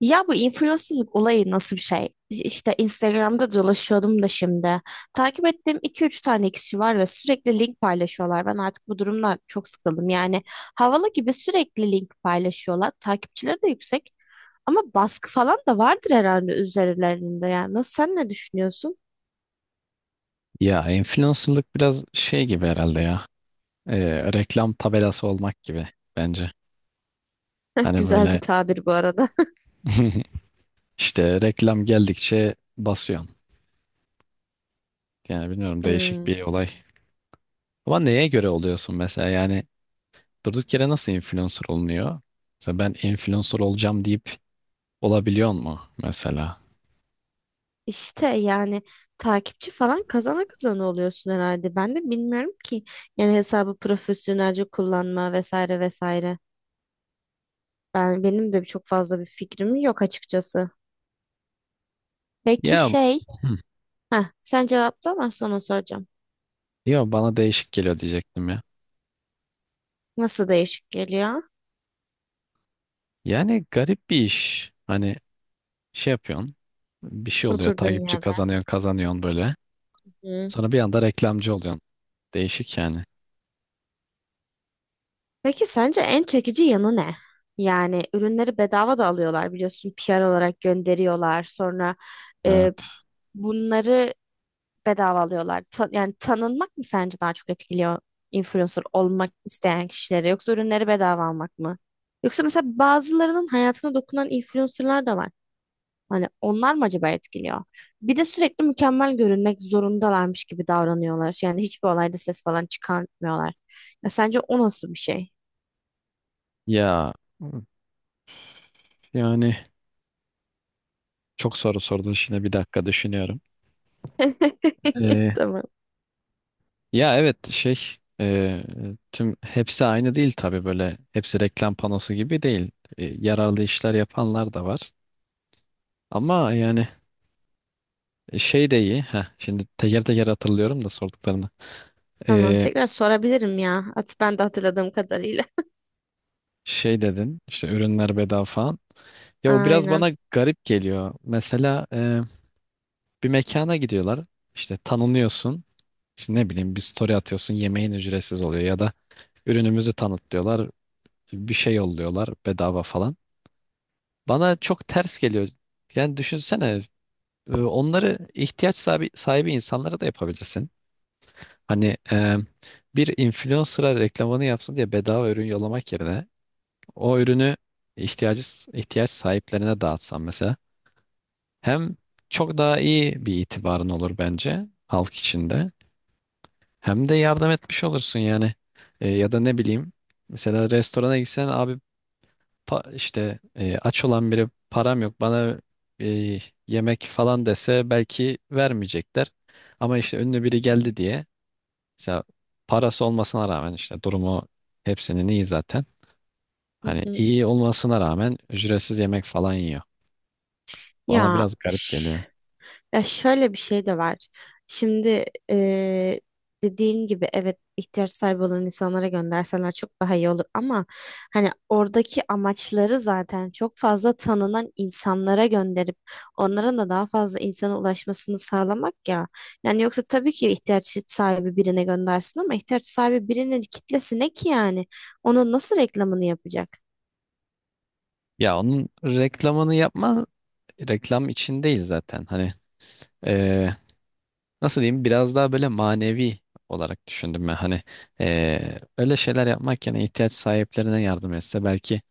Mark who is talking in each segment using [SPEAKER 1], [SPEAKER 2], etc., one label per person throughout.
[SPEAKER 1] Ya bu influencerlık olayı nasıl bir şey? İşte Instagram'da dolaşıyordum da şimdi. Takip ettiğim iki üç tane kişi var ve sürekli link paylaşıyorlar. Ben artık bu durumdan çok sıkıldım. Yani havalı gibi sürekli link paylaşıyorlar. Takipçileri de yüksek ama baskı falan da vardır herhalde üzerlerinde. Yani nasıl sen ne düşünüyorsun?
[SPEAKER 2] Ya influencerlık biraz şey gibi herhalde ya. Reklam tabelası olmak gibi bence. Hani
[SPEAKER 1] Güzel bir
[SPEAKER 2] böyle
[SPEAKER 1] tabir bu arada.
[SPEAKER 2] işte reklam geldikçe basıyorsun. Yani bilmiyorum, değişik
[SPEAKER 1] Hmm.
[SPEAKER 2] bir olay. Ama neye göre oluyorsun mesela? Yani durduk yere nasıl influencer olunuyor? Mesela ben influencer olacağım deyip olabiliyor mu mesela?
[SPEAKER 1] İşte yani takipçi falan kazana kazana oluyorsun herhalde. Ben de bilmiyorum ki yani hesabı profesyonelce kullanma vesaire vesaire. Benim de çok fazla bir fikrim yok açıkçası. Peki
[SPEAKER 2] Ya.
[SPEAKER 1] şey,
[SPEAKER 2] Hı.
[SPEAKER 1] ha sen cevapla ben sonra soracağım.
[SPEAKER 2] Yo, bana değişik geliyor diyecektim ya.
[SPEAKER 1] Nasıl değişik geliyor
[SPEAKER 2] Yani garip bir iş. Hani şey yapıyorsun. Bir şey oluyor.
[SPEAKER 1] oturduğun
[SPEAKER 2] Takipçi
[SPEAKER 1] yerden?
[SPEAKER 2] kazanıyorsun böyle.
[SPEAKER 1] Hı.
[SPEAKER 2] Sonra bir anda reklamcı oluyorsun. Değişik yani.
[SPEAKER 1] Peki sence en çekici yanı ne? Yani ürünleri bedava da alıyorlar biliyorsun PR olarak gönderiyorlar. Sonra e,
[SPEAKER 2] Evet.
[SPEAKER 1] bunları bedava alıyorlar. Yani tanınmak mı sence daha çok etkiliyor influencer olmak isteyen kişileri yoksa ürünleri bedava almak mı? Yoksa mesela bazılarının hayatına dokunan influencerlar da var. Hani onlar mı acaba etkiliyor? Bir de sürekli mükemmel görünmek zorundalarmış gibi davranıyorlar. Yani hiçbir olayda ses falan çıkartmıyorlar. Ya sence o nasıl bir şey?
[SPEAKER 2] Ya yani çok soru sordun, şimdi bir dakika düşünüyorum. Ee,
[SPEAKER 1] Tamam.
[SPEAKER 2] Ya evet, e, tüm hepsi aynı değil tabii, böyle hepsi reklam panosu gibi değil. Yararlı işler yapanlar da var. Ama yani şey de iyi. Heh, şimdi teker teker hatırlıyorum da sorduklarını.
[SPEAKER 1] Tamam,
[SPEAKER 2] Ee,
[SPEAKER 1] tekrar sorabilirim ya. At, ben de hatırladığım kadarıyla.
[SPEAKER 2] Şey dedin işte, ürünler bedava falan. Ya o biraz bana
[SPEAKER 1] Aynen.
[SPEAKER 2] garip geliyor. Mesela bir mekana gidiyorlar. İşte tanınıyorsun. İşte ne bileyim, bir story atıyorsun, yemeğin ücretsiz oluyor ya da ürünümüzü tanıtlıyorlar, bir şey yolluyorlar bedava falan. Bana çok ters geliyor. Yani düşünsene, onları ihtiyaç sahibi insanlara da yapabilirsin. Hani bir influencer'a reklamını yapsın diye bedava ürün yollamak yerine o ürünü ihtiyacı ihtiyaç sahiplerine dağıtsan mesela, hem çok daha iyi bir itibarın olur bence halk içinde. Hem de yardım etmiş olursun yani. Ya da ne bileyim, mesela restorana gitsen abi, işte aç olan biri, param yok bana e, yemek falan dese belki vermeyecekler. Ama işte ünlü biri geldi diye, mesela parası olmasına rağmen, işte durumu hepsinin iyi zaten.
[SPEAKER 1] Hı
[SPEAKER 2] Hani
[SPEAKER 1] hı.
[SPEAKER 2] iyi olmasına rağmen ücretsiz yemek falan yiyor. Bana
[SPEAKER 1] Ya
[SPEAKER 2] biraz
[SPEAKER 1] üf.
[SPEAKER 2] garip geliyor.
[SPEAKER 1] Ya şöyle bir şey de var. Şimdi dediğin gibi evet, ihtiyaç sahibi olan insanlara gönderseler çok daha iyi olur ama hani oradaki amaçları zaten çok fazla tanınan insanlara gönderip onların da daha fazla insana ulaşmasını sağlamak ya. Yani yoksa tabii ki ihtiyaç sahibi birine göndersin ama ihtiyaç sahibi birinin kitlesi ne ki yani? Onun nasıl reklamını yapacak?
[SPEAKER 2] Ya onun reklamını reklam için değil zaten. Hani e, nasıl diyeyim, biraz daha böyle manevi olarak düşündüm ben. Hani öyle şeyler yapmak yerine ihtiyaç sahiplerine yardım etse belki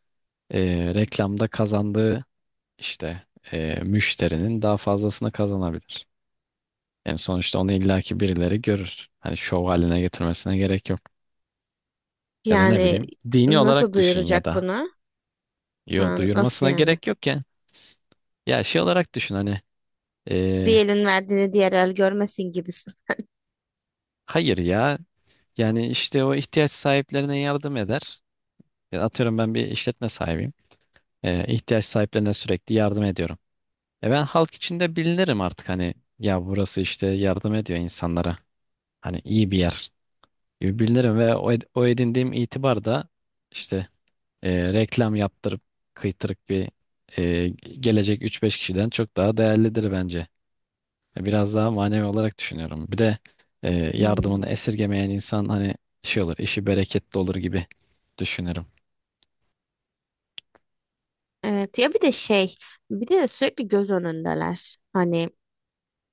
[SPEAKER 2] reklamda kazandığı işte müşterinin daha fazlasını kazanabilir. Yani sonuçta onu illaki birileri görür. Hani şov haline getirmesine gerek yok. Ya da ne
[SPEAKER 1] Yani
[SPEAKER 2] bileyim, dini
[SPEAKER 1] nasıl
[SPEAKER 2] olarak düşün ya
[SPEAKER 1] duyuracak
[SPEAKER 2] da.
[SPEAKER 1] bunu?
[SPEAKER 2] Yo,
[SPEAKER 1] Ha, nasıl
[SPEAKER 2] duyurmasına
[SPEAKER 1] yani?
[SPEAKER 2] gerek yok ya. Ya şey olarak düşün hani,
[SPEAKER 1] Bir
[SPEAKER 2] eee,
[SPEAKER 1] elin verdiğini diğer el görmesin gibisin.
[SPEAKER 2] hayır ya, yani işte o ihtiyaç sahiplerine yardım eder. Ya atıyorum, ben bir işletme sahibiyim. İhtiyaç sahiplerine sürekli yardım ediyorum. E, ben halk içinde bilinirim artık, hani ya burası işte yardım ediyor insanlara. Hani iyi bir yer gibi bilinirim ve o edindiğim itibar da işte reklam yaptırıp kıytırık bir e, gelecek üç beş kişiden çok daha değerlidir bence. Biraz daha manevi olarak düşünüyorum. Bir de e, yardımını
[SPEAKER 1] Hmm.
[SPEAKER 2] esirgemeyen insan, hani şey olur, işi bereketli olur gibi düşünürüm.
[SPEAKER 1] Evet, ya bir de şey, bir de sürekli göz önündeler. Hani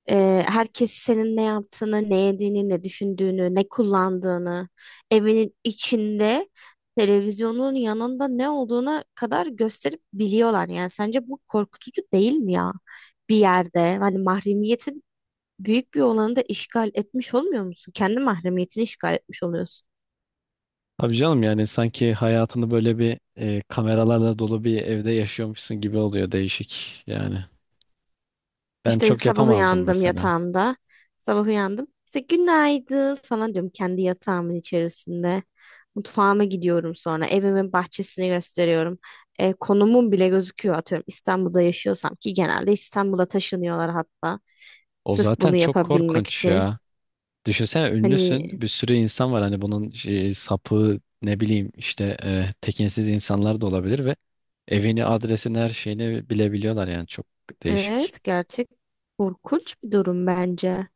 [SPEAKER 1] herkes senin ne yaptığını, ne yediğini, ne düşündüğünü, ne kullandığını, evinin içinde televizyonun yanında ne olduğuna kadar gösterip biliyorlar. Yani sence bu korkutucu değil mi ya? Bir yerde hani mahremiyetin büyük bir olanı da işgal etmiş olmuyor musun? Kendi mahremiyetini işgal etmiş oluyorsun.
[SPEAKER 2] Tabii canım, yani sanki hayatını böyle bir kameralarla dolu bir evde yaşıyormuşsun gibi oluyor, değişik yani. Ben
[SPEAKER 1] İşte
[SPEAKER 2] çok
[SPEAKER 1] sabah
[SPEAKER 2] yapamazdım
[SPEAKER 1] uyandım
[SPEAKER 2] mesela.
[SPEAKER 1] yatağımda. Sabah uyandım. İşte günaydın falan diyorum kendi yatağımın içerisinde. Mutfağıma gidiyorum sonra. Evimin bahçesini gösteriyorum. E, konumum bile gözüküyor atıyorum. İstanbul'da yaşıyorsam ki genelde İstanbul'a taşınıyorlar hatta.
[SPEAKER 2] O
[SPEAKER 1] Sırf
[SPEAKER 2] zaten
[SPEAKER 1] bunu
[SPEAKER 2] çok
[SPEAKER 1] yapabilmek
[SPEAKER 2] korkunç
[SPEAKER 1] için.
[SPEAKER 2] ya. Düşünsene, ünlüsün.
[SPEAKER 1] Hani
[SPEAKER 2] Bir sürü insan var, hani bunun şey, sapı, ne bileyim işte tekinsiz insanlar da olabilir ve evini, adresini, her şeyini bilebiliyorlar, yani çok değişik.
[SPEAKER 1] evet, gerçek korkunç bir durum bence.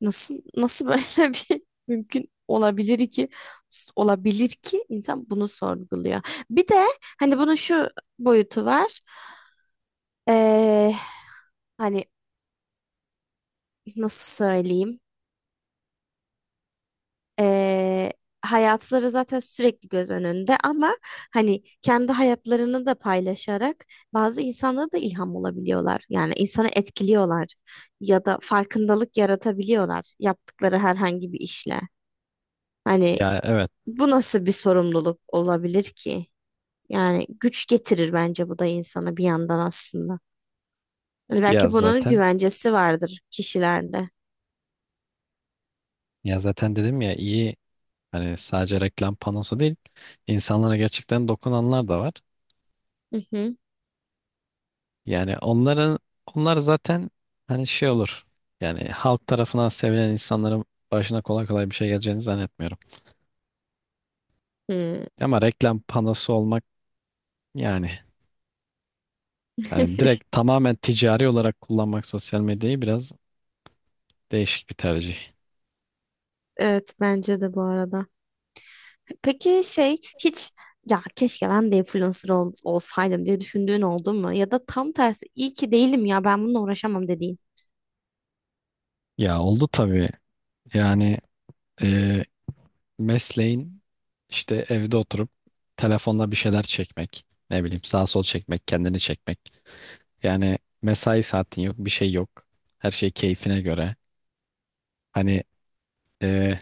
[SPEAKER 1] Nasıl böyle bir mümkün olabilir ki insan bunu sorguluyor. Bir de hani bunun şu boyutu var. Ee, Hani nasıl söyleyeyim? Ee, Hayatları zaten sürekli göz önünde ama hani kendi hayatlarını da paylaşarak bazı insanlara da ilham olabiliyorlar. Yani insanı etkiliyorlar ya da farkındalık yaratabiliyorlar yaptıkları herhangi bir işle. Hani
[SPEAKER 2] Ya evet.
[SPEAKER 1] bu nasıl bir sorumluluk olabilir ki? Yani güç getirir bence bu da insana bir yandan aslında. Hani
[SPEAKER 2] Ya
[SPEAKER 1] belki bunun
[SPEAKER 2] zaten
[SPEAKER 1] güvencesi vardır kişilerde.
[SPEAKER 2] ya zaten dedim ya iyi, hani sadece reklam panosu değil. İnsanlara gerçekten dokunanlar da var.
[SPEAKER 1] Hı hı.
[SPEAKER 2] Yani onlar zaten hani şey olur. Yani halk tarafından sevilen insanların başına kolay kolay bir şey geleceğini zannetmiyorum.
[SPEAKER 1] Hı.
[SPEAKER 2] Ama reklam panosu olmak, yani. Hani direkt tamamen ticari olarak kullanmak sosyal medyayı, biraz değişik bir tercih.
[SPEAKER 1] Evet, bence de bu arada. Peki şey, hiç ya keşke ben de influencer olsaydım diye düşündüğün oldu mu? Ya da tam tersi iyi ki değilim ya, ben bununla uğraşamam dediğin.
[SPEAKER 2] Ya oldu tabii. Yani e, mesleğin işte evde oturup telefonla bir şeyler çekmek, ne bileyim sağ sol çekmek, kendini çekmek. Yani mesai saatin yok, bir şey yok. Her şey keyfine göre. Hani e,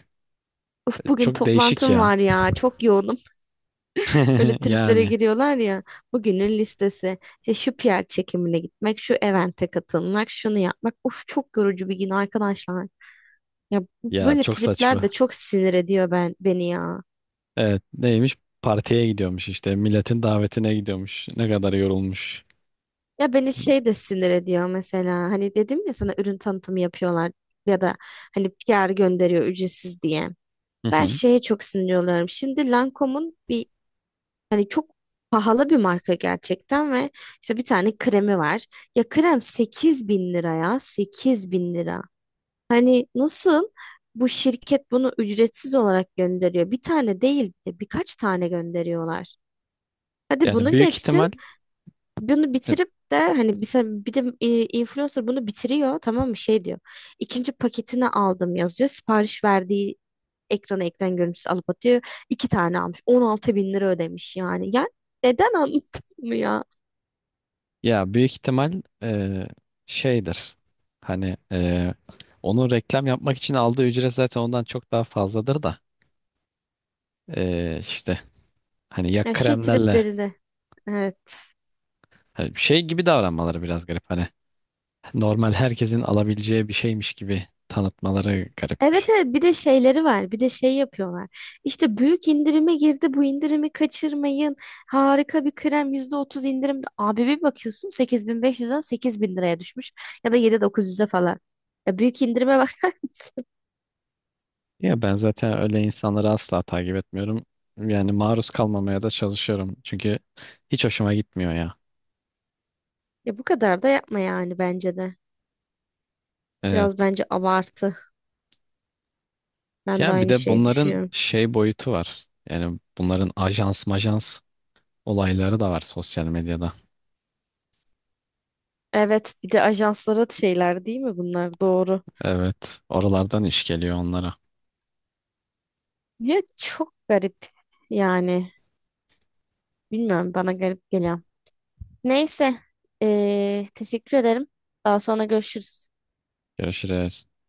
[SPEAKER 1] Uf, bugün
[SPEAKER 2] çok değişik
[SPEAKER 1] toplantım
[SPEAKER 2] ya.
[SPEAKER 1] var ya, çok yoğunum. Öyle triplere
[SPEAKER 2] Yani
[SPEAKER 1] giriyorlar ya. Bugünün listesi. İşte şu PR çekimine gitmek, şu evente katılmak, şunu yapmak. Of, çok yorucu bir gün arkadaşlar. Ya
[SPEAKER 2] ya
[SPEAKER 1] böyle
[SPEAKER 2] çok
[SPEAKER 1] tripler
[SPEAKER 2] saçma.
[SPEAKER 1] de çok sinir ediyor beni ya.
[SPEAKER 2] Evet, neymiş? Partiye gidiyormuş, işte milletin davetine gidiyormuş. Ne kadar yorulmuş.
[SPEAKER 1] Ya beni şey de sinir ediyor mesela. Hani dedim ya sana, ürün tanıtımı yapıyorlar ya da hani PR gönderiyor ücretsiz diye. Ben şeye çok sinir oluyorum. Şimdi Lancome'un bir çok pahalı bir marka gerçekten ve işte bir tane kremi var. Ya krem 8.000 lira ya, 8.000 lira. Hani nasıl bu şirket bunu ücretsiz olarak gönderiyor? Bir tane değil de birkaç tane gönderiyorlar. Hadi
[SPEAKER 2] Yani
[SPEAKER 1] bunu
[SPEAKER 2] büyük
[SPEAKER 1] geçtim.
[SPEAKER 2] ihtimal
[SPEAKER 1] Bunu
[SPEAKER 2] e,
[SPEAKER 1] bitirip de hani bir, bir de influencer bunu bitiriyor, tamam mı, şey diyor. İkinci paketini aldım yazıyor. Sipariş verdiği ekran görüntüsü alıp atıyor. İki tane almış. 16 bin lira ödemiş yani. Yani neden, anladın mı ya?
[SPEAKER 2] ya büyük ihtimal e, şeydir. Hani onun reklam yapmak için aldığı ücret zaten ondan çok daha fazladır da işte hani ya
[SPEAKER 1] Ya şey
[SPEAKER 2] kremlerle,
[SPEAKER 1] triplerini. Evet.
[SPEAKER 2] hani şey gibi davranmaları biraz garip, hani normal herkesin alabileceği bir şeymiş gibi tanıtmaları garip.
[SPEAKER 1] Evet evet, bir de şeyleri var, bir de şey yapıyorlar işte, büyük indirime girdi, bu indirimi kaçırmayın, harika bir krem, %30 indirim abi, bir bakıyorsun 8.500'den 8.000 liraya düşmüş ya da 7900'e falan, ya büyük indirime bak.
[SPEAKER 2] Ya ben zaten öyle insanları asla takip etmiyorum. Yani maruz kalmamaya da çalışıyorum, çünkü hiç hoşuma gitmiyor ya.
[SPEAKER 1] Ya bu kadar da yapma yani, bence de biraz
[SPEAKER 2] Evet.
[SPEAKER 1] bence abartı, ben de
[SPEAKER 2] Yani bir
[SPEAKER 1] aynı
[SPEAKER 2] de
[SPEAKER 1] şeyi
[SPEAKER 2] bunların
[SPEAKER 1] düşünüyorum.
[SPEAKER 2] şey boyutu var. Yani bunların ajans majans olayları da var sosyal medyada.
[SPEAKER 1] Evet, bir de ajanslara şeyler değil mi bunlar, doğru.
[SPEAKER 2] Evet. Oralardan iş geliyor onlara.
[SPEAKER 1] Ya çok garip yani, bilmiyorum, bana garip geliyor. Neyse. Teşekkür ederim. Daha sonra görüşürüz.
[SPEAKER 2] Görüşürüz.